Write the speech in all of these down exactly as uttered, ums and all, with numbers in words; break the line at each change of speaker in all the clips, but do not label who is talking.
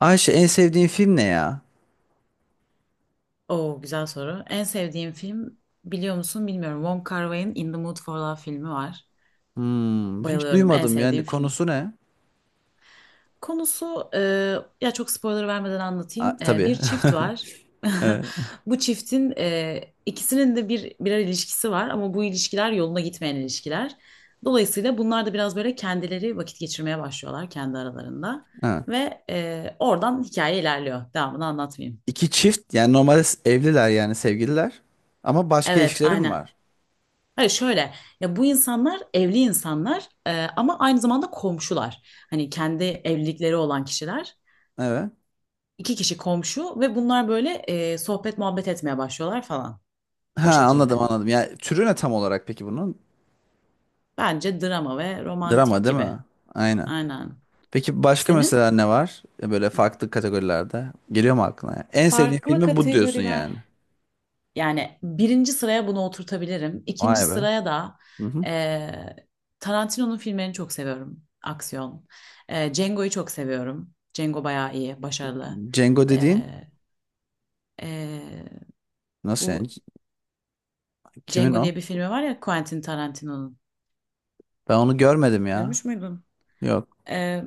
Ayşe, en sevdiğin film ne ya?
Oo, güzel soru. En sevdiğim film biliyor musun bilmiyorum. Wong Kar-wai'nin In the Mood for Love filmi var.
Hmm, hiç
Bayılıyorum. En
duymadım,
sevdiğim
yani
film.
konusu ne?
Konusu e, ya çok spoiler vermeden
A,
anlatayım. E,
tabii.
bir çift var.
Evet.
Bu çiftin e, ikisinin de bir birer ilişkisi var, ama bu ilişkiler yoluna gitmeyen ilişkiler. Dolayısıyla bunlar da biraz böyle kendileri vakit geçirmeye başlıyorlar kendi aralarında
Ha.
ve e, oradan hikaye ilerliyor. Devamını anlatmayayım.
İki çift, yani normalde s- evliler, yani sevgililer ama başka
Evet,
ilişkileri mi
aynen.
var?
Hayır, şöyle, ya bu insanlar evli insanlar, e, ama aynı zamanda komşular. Hani kendi evlilikleri olan kişiler.
Evet.
İki kişi komşu ve bunlar böyle e, sohbet muhabbet etmeye başlıyorlar falan, o
Ha, anladım
şekilde.
anladım. Yani türü ne tam olarak peki bunun?
Bence drama ve
Drama
romantik
değil
gibi.
mi? Aynen.
Aynen.
Peki başka
Senin?
mesela ne var? E, Böyle farklı kategorilerde. Geliyor mu aklına ya? En sevdiğin
Farklı
filmi bu diyorsun yani.
kategoriler. Yani birinci sıraya bunu oturtabilirim. İkinci
Vay be.
sıraya da
Hı hı.
e, Tarantino'nun filmlerini çok seviyorum. Aksiyon. E, Django'yu çok seviyorum. Django bayağı iyi, başarılı.
Django dediğin
E, e,
nasıl yani?
bu
Kimin
Django
o?
diye bir filmi var ya, Quentin Tarantino'nun.
Ben onu görmedim ya.
Görmüş müydün?
Yok.
E,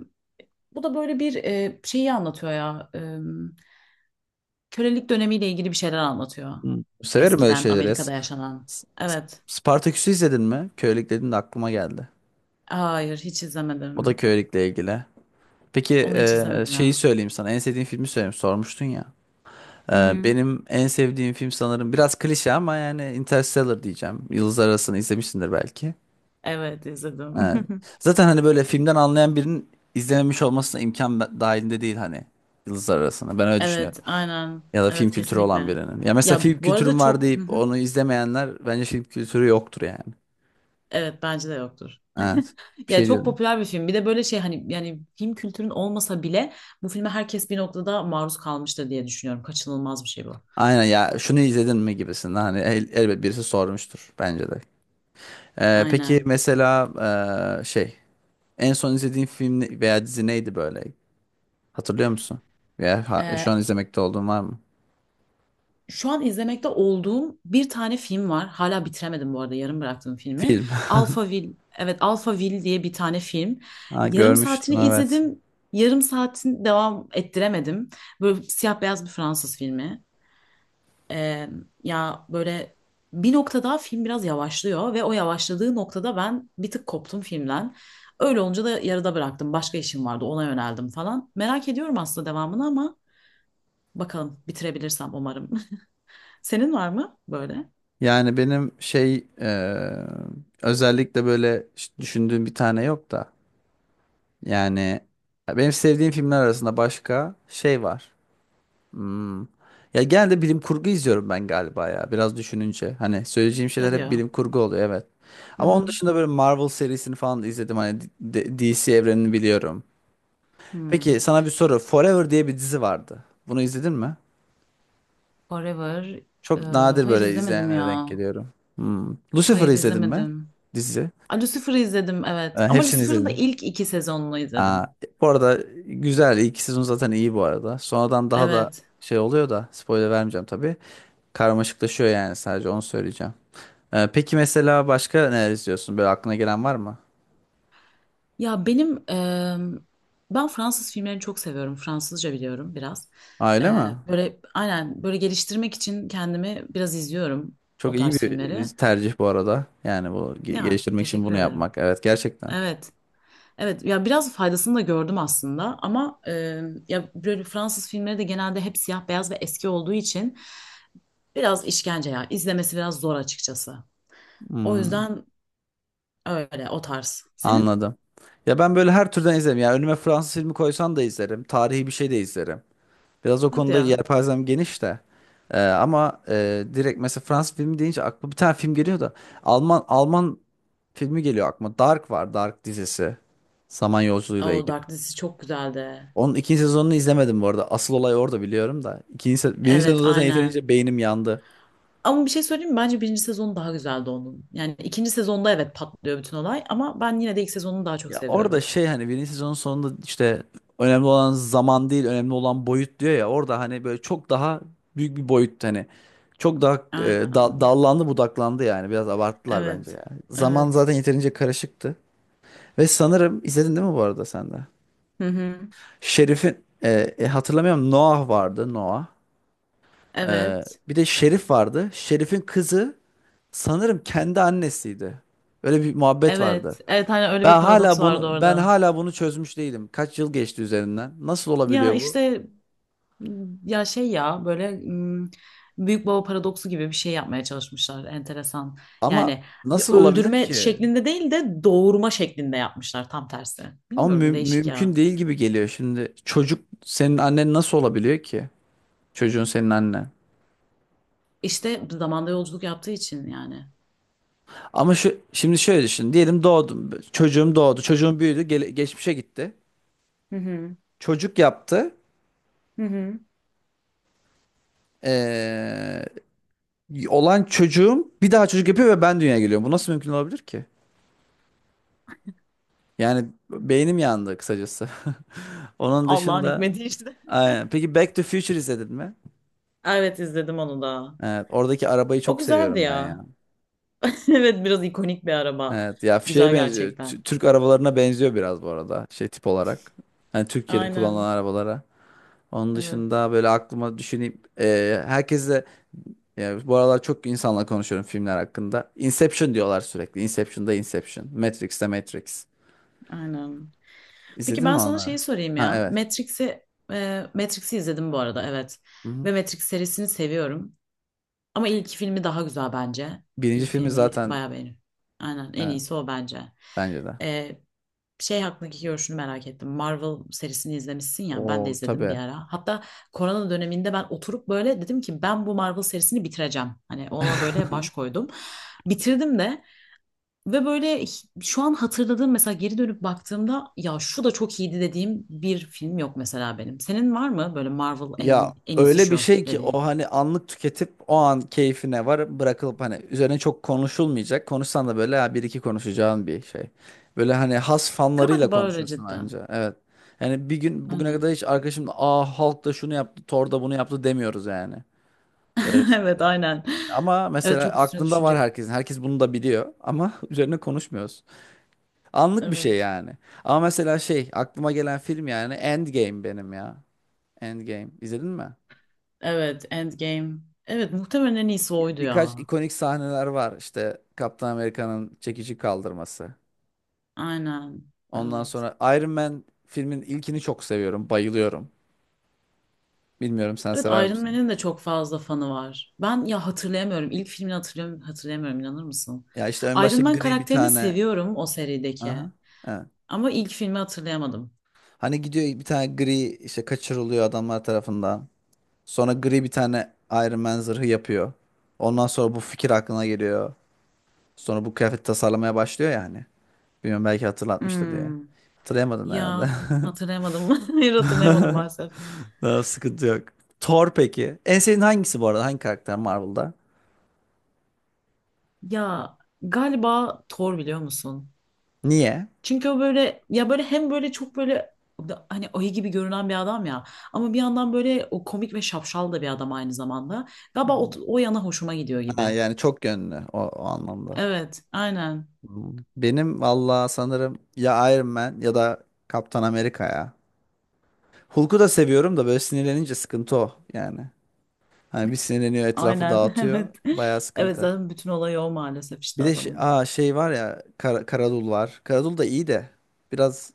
Bu da böyle bir e, şeyi anlatıyor ya. E, kölelik dönemiyle ilgili bir şeyler anlatıyor.
Hı. Severim öyle
Eskiden
şeyleri ya. S-
Amerika'da yaşanan.
S-
Evet.
Spartaküs'ü izledin mi? Kölelik dedin de aklıma geldi.
Hayır, hiç
O da
izlemedim.
kölelikle ilgili. Peki,
Onu hiç
e,
izlemedim
şeyi
ya.
söyleyeyim sana. En sevdiğin filmi söyleyeyim. Sormuştun ya. E,
Hı hı.
benim en sevdiğim film, sanırım biraz klişe ama, yani Interstellar diyeceğim. Yıldızlar Arası'nı izlemişsindir belki.
Evet izledim.
E, Zaten hani böyle filmden anlayan birinin izlememiş olmasına imkan be- dahilinde değil hani. Yıldızlar Arası'nı. Ben öyle düşünüyorum.
Evet aynen.
Ya da film
Evet
kültürü olan
kesinlikle.
birinin. Ya mesela
Ya
film
bu arada
kültürüm var
çok. Hı
deyip
hı.
onu izlemeyenler bence film kültürü yoktur yani.
Evet bence de yoktur.
Evet. Bir
Ya
şey
çok
diyordum.
popüler bir film. Bir de böyle şey, hani yani film kültürün olmasa bile bu filme herkes bir noktada maruz kalmıştır diye düşünüyorum. Kaçınılmaz bir şey bu.
Aynen, ya şunu izledin mi gibisinden hani el- elbet birisi sormuştur bence de. Ee, peki
Aynen.
mesela ee, şey en son izlediğin film ne- veya dizi neydi böyle? Hatırlıyor musun? Veya ha- şu an
Ee,
izlemekte olduğun var mı?
şu an izlemekte olduğum bir tane film var. Hala bitiremedim bu arada yarım bıraktığım filmi.
Film.
Alphaville. Evet, Alphaville diye bir tane film.
Ha,
Yarım
görmüştüm,
saatini
evet.
izledim. Yarım saatin devam ettiremedim. Böyle siyah beyaz bir Fransız filmi. Ee, ya böyle bir noktada film biraz yavaşlıyor ve o yavaşladığı noktada ben bir tık koptum filmden. Öyle olunca da yarıda bıraktım. Başka işim vardı, ona yöneldim falan. Merak ediyorum aslında devamını ama bakalım, bitirebilirsem umarım. Senin var mı böyle?
Yani benim şey, ee, özellikle böyle ş- düşündüğüm bir tane yok da, yani benim sevdiğim filmler arasında başka şey var. Hmm. Ya genelde bilim kurgu izliyorum ben galiba ya. Biraz düşününce. Hani söyleyeceğim şeyler
Hadi
hep
ya.
bilim kurgu oluyor, evet.
Hı
Ama onun
hı.
dışında böyle Marvel serisini falan da izledim. Hani D- D- DC evrenini biliyorum.
Hmm.
Peki sana bir soru. Forever diye bir dizi vardı. Bunu izledin mi?
Forever. Ee,
Çok nadir
hayır
böyle
izlemedim
izleyenlere denk
ya.
geliyorum. Hmm. Lucifer'ı
Hayır
izledin mi?
izlemedim.
Dizi.
A, Lucifer'ı izledim, evet.
Ee,
Ama
hepsini
Lucifer'ın da
izledim.
ilk iki sezonunu
Aa,
izledim.
bu arada güzel. İlk sezon zaten iyi bu arada. Sonradan daha da
Evet.
şey oluyor da spoiler vermeyeceğim tabii. Karmaşıklaşıyor, yani sadece onu söyleyeceğim. Ee, peki mesela başka neler izliyorsun? Böyle aklına gelen var mı?
Ya benim em, ben Fransız filmlerini çok seviyorum. Fransızca biliyorum biraz.
Ha, öyle
Ee,
mi?
böyle aynen böyle geliştirmek için kendimi biraz izliyorum
Çok
o
iyi
tarz
bir
filmleri.
tercih bu arada. Yani bu ge-
Ya
geliştirmek için
teşekkür
bunu
ederim.
yapmak. Evet, gerçekten.
Evet. Evet ya, biraz faydasını da gördüm aslında, ama e, ya böyle Fransız filmleri de genelde hep siyah beyaz ve eski olduğu için biraz işkence ya, izlemesi biraz zor açıkçası. O
Hmm,
yüzden öyle o tarz. Senin?
anladım. Ya ben böyle her türden izlerim. Ya önüme Fransız filmi koysan da izlerim. Tarihi bir şey de izlerim. Biraz o
Hadi
konuda
ya.
yelpazem geniş de. Ee, ama e, direkt mesela Fransız filmi deyince aklıma bir tane film geliyor da Alman Alman filmi geliyor aklıma. Dark var. Dark dizisi. Zaman yolculuğuyla
O
ilgili.
Dark dizisi çok güzeldi.
Onun ikinci sezonunu izlemedim bu arada. Asıl olay orada, biliyorum da. İkinci se birinci
Evet
sezon zaten yeterince
aynen.
beynim yandı.
Ama bir şey söyleyeyim mi? Bence birinci sezonu daha güzeldi onun. Yani ikinci sezonda evet patlıyor bütün olay, ama ben yine de ilk sezonunu daha çok
Ya orada
seviyorum.
şey, hani birinci sezonun sonunda işte önemli olan zaman değil, önemli olan boyut diyor ya. Orada hani böyle çok daha büyük bir boyut hani. Çok daha e, da-
Aynen.
dallandı budaklandı yani. Biraz abarttılar bence
Evet.
ya. Zaman
Evet.
zaten yeterince karışıktı. Ve sanırım izledin değil mi bu arada sen de?
Hı hı.
Şerif'in, e, e, hatırlamıyorum, Noah vardı, Noah. E,
Evet.
bir de Şerif vardı. Şerif'in kızı, sanırım kendi annesiydi. Öyle bir muhabbet
Evet,
vardı.
evet, hani öyle bir
Ben
paradoks
hala
vardı
bunu ben
orada.
hala bunu çözmüş değilim. Kaç yıl geçti üzerinden? Nasıl
Ya
olabiliyor bu?
işte, ya şey, ya böyle m, büyük baba paradoksu gibi bir şey yapmaya çalışmışlar, enteresan.
Ama
Yani bir
nasıl olabilir
öldürme
ki?
şeklinde değil de doğurma şeklinde yapmışlar, tam tersi.
Ama mü-
Bilmiyorum, değişik
mümkün
ya.
değil gibi geliyor şimdi. Çocuk senin annen nasıl olabiliyor ki? Çocuğun senin annen.
İşte zamanda yolculuk yaptığı için yani.
Ama şu, şimdi şöyle düşün. Diyelim doğdum. Çocuğum doğdu. Çocuğum büyüdü. gele- geçmişe gitti.
Hı hı.
Çocuk yaptı.
Hı hı.
Ee, olan çocuğum bir daha çocuk yapıyor ve ben dünyaya geliyorum. Bu nasıl mümkün olabilir ki? Yani beynim yandı kısacası. Onun
Allah'ın
dışında
hikmeti işte.
aynen. Peki Back to Future izledin mi?
Evet izledim onu da.
Evet, oradaki arabayı
O
çok
güzeldi
seviyorum ben
ya.
ya.
Evet, biraz ikonik bir araba.
Evet ya, şeye
Güzel
benziyor. Tü-
gerçekten.
Türk arabalarına benziyor biraz bu arada, şey tip olarak. Hani Türkiye'de kullanılan
Aynen.
arabalara. Onun
Evet.
dışında böyle aklıma düşüneyim. Ee, herkese, ya bu aralar çok insanla konuşuyorum filmler hakkında. Inception diyorlar sürekli. Inception'da Inception. Matrix'te Matrix.
Aynen. Peki
İzledin mi
ben sana
onları?
şeyi sorayım
Ha,
ya.
evet.
Matrix'i e, Matrix'i izledim bu arada, evet.
Hı hı.
Ve Matrix serisini seviyorum. Ama ilk filmi daha güzel bence.
Birinci
İlk
filmi
filmi
zaten,
bayağı beğeniyorum. Aynen, en
evet,
iyisi o bence.
bence de.
E, şey hakkındaki görüşünü merak ettim. Marvel serisini izlemişsin ya, ben de
O
izledim bir
tabii.
ara. Hatta korona döneminde ben oturup böyle dedim ki ben bu Marvel serisini bitireceğim. Hani ona böyle baş koydum. Bitirdim de ve böyle h- şu an hatırladığım mesela, geri dönüp baktığımda ya şu da çok iyiydi dediğim bir film yok mesela benim. Senin var mı böyle Marvel en
Ya
iyi- en iyisi
öyle bir
şu
şey ki o,
dediğin?
hani anlık tüketip o an keyfine var bırakılıp hani üzerine çok konuşulmayacak. Konuşsan da böyle ha, bir iki konuşacağın bir şey. Böyle hani has fanlarıyla
Galiba öyle
konuşursun
cidden.
anca. Evet. Yani bir gün bugüne
Aynen.
kadar hiç arkadaşımla aa Hulk da şunu yaptı, Thor da bunu yaptı demiyoruz yani. Öyle
Evet
söyleyeyim.
aynen.
Ama
Evet,
mesela
çok üstüne
aklında var
düşünecek.
herkesin. Herkes bunu da biliyor ama üzerine konuşmuyoruz. Anlık bir şey
Evet.
yani. Ama mesela şey aklıma gelen film, yani Endgame benim ya. Endgame. İzledin mi?
Evet, Endgame. Evet, muhtemelen en iyisi
Ya,
oydu
birkaç
ya.
ikonik sahneler var. İşte Kaptan Amerika'nın çekici kaldırması.
Aynen.
Ondan
Evet.
sonra Iron Man filmin ilkini çok seviyorum. Bayılıyorum. Bilmiyorum, sen
Evet,
sever
Iron
misin?
Man'in de çok fazla fanı var. Ben ya hatırlayamıyorum. İlk filmini hatırlıyorum, hatırlayamıyorum, inanır mısın?
Ya işte en
Iron
başta
Man
gri bir
karakterini
tane.
seviyorum o serideki.
Aha. Evet.
Ama ilk filmi hatırlayamadım.
Hani gidiyor bir tane gri, işte kaçırılıyor adamlar tarafından. Sonra gri bir tane Iron Man zırhı yapıyor. Ondan sonra bu fikir aklına geliyor. Sonra bu kıyafet tasarlamaya başlıyor yani. Bilmiyorum, belki hatırlatmıştır diye.
Hmm.
Hatırlayamadın
Ya
herhalde.
hatırlayamadım. Hayır hatırlayamadım maalesef.
Daha sıkıntı yok. Thor peki. En sevdiğin hangisi bu arada? Hangi karakter Marvel'da?
Ya galiba Thor, biliyor musun?
Niye?
Çünkü o böyle, ya böyle hem böyle çok böyle da- hani ayı gibi görünen bir adam ya, ama bir yandan böyle o komik ve şapşal da bir adam aynı zamanda. Galiba o, o yana hoşuma gidiyor
Ha,
gibi.
yani çok yönlü o, o anlamda.
Evet, aynen.
Hmm. Benim valla sanırım ya Iron Man ya da Kaptan Amerika ya. Hulk'u da seviyorum da böyle sinirlenince sıkıntı o yani. Hani bir sinirleniyor, etrafı
Aynen,
dağıtıyor.
evet.
Bayağı
Evet,
sıkıntı.
zaten bütün olayı o, maalesef işte
Bir de şey,
adamın.
aa, şey var ya, Kar Karadul var. Karadul da iyi de biraz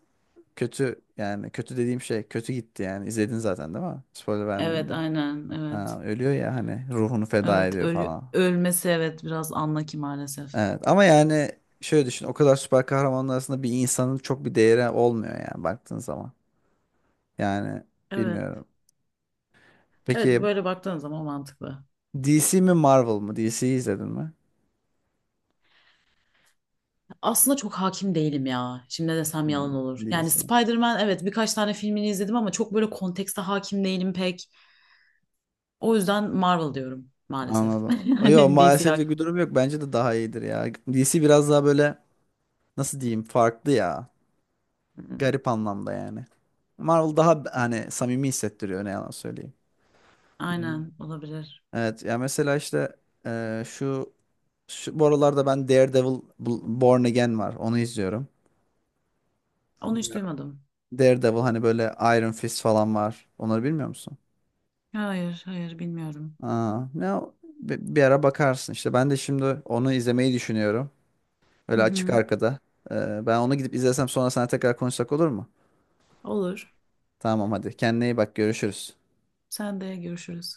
kötü, yani kötü dediğim şey kötü gitti yani. İzledin zaten değil mi? Spoiler vermeyeyim
Evet,
de.
aynen, evet.
Ha, ölüyor ya hani, ruhunu feda
Evet,
ediyor
ölü,
falan.
ölmesi evet biraz anla ki maalesef.
Evet ama yani şöyle düşün, o kadar süper kahramanlar arasında bir insanın çok bir değeri olmuyor yani baktığın zaman. Yani
Evet.
bilmiyorum.
Evet,
Peki
böyle baktığın zaman mantıklı.
D C mi Marvel mı? D C'yi izledin mi?
Aslında çok hakim değilim ya. Şimdi ne desem yalan
Hmm,
olur. Yani
D C.
Spider-Man, evet birkaç tane filmini izledim ama çok böyle kontekste hakim değilim pek. O yüzden Marvel diyorum maalesef.
Anladım. Yok,
Yani D C
maalesef
hakim.
bir durum yok. Bence de daha iyidir ya. D C biraz daha böyle, nasıl diyeyim, farklı ya.
Hmm.
Garip anlamda yani. Marvel daha hani samimi hissettiriyor, ne yalan söyleyeyim. Hmm.
Aynen, olabilir.
Evet ya, mesela işte e, şu Şu, bu aralarda ben Daredevil B- Born Again var. Onu izliyorum.
Onu hiç
Bilmiyorum.
duymadım.
Daredevil hani böyle Iron Fist falan var. Onları bilmiyor musun?
Hayır hayır, bilmiyorum.
Aa, ne o- bi- bir, ara bakarsın işte. Ben de şimdi onu izlemeyi düşünüyorum.
Hı
Öyle açık
hı.
arkada. Ee, ben onu gidip izlesem sonra sana tekrar konuşsak olur mu?
Olur.
Tamam hadi. Kendine iyi bak. Görüşürüz.
Sen de görüşürüz.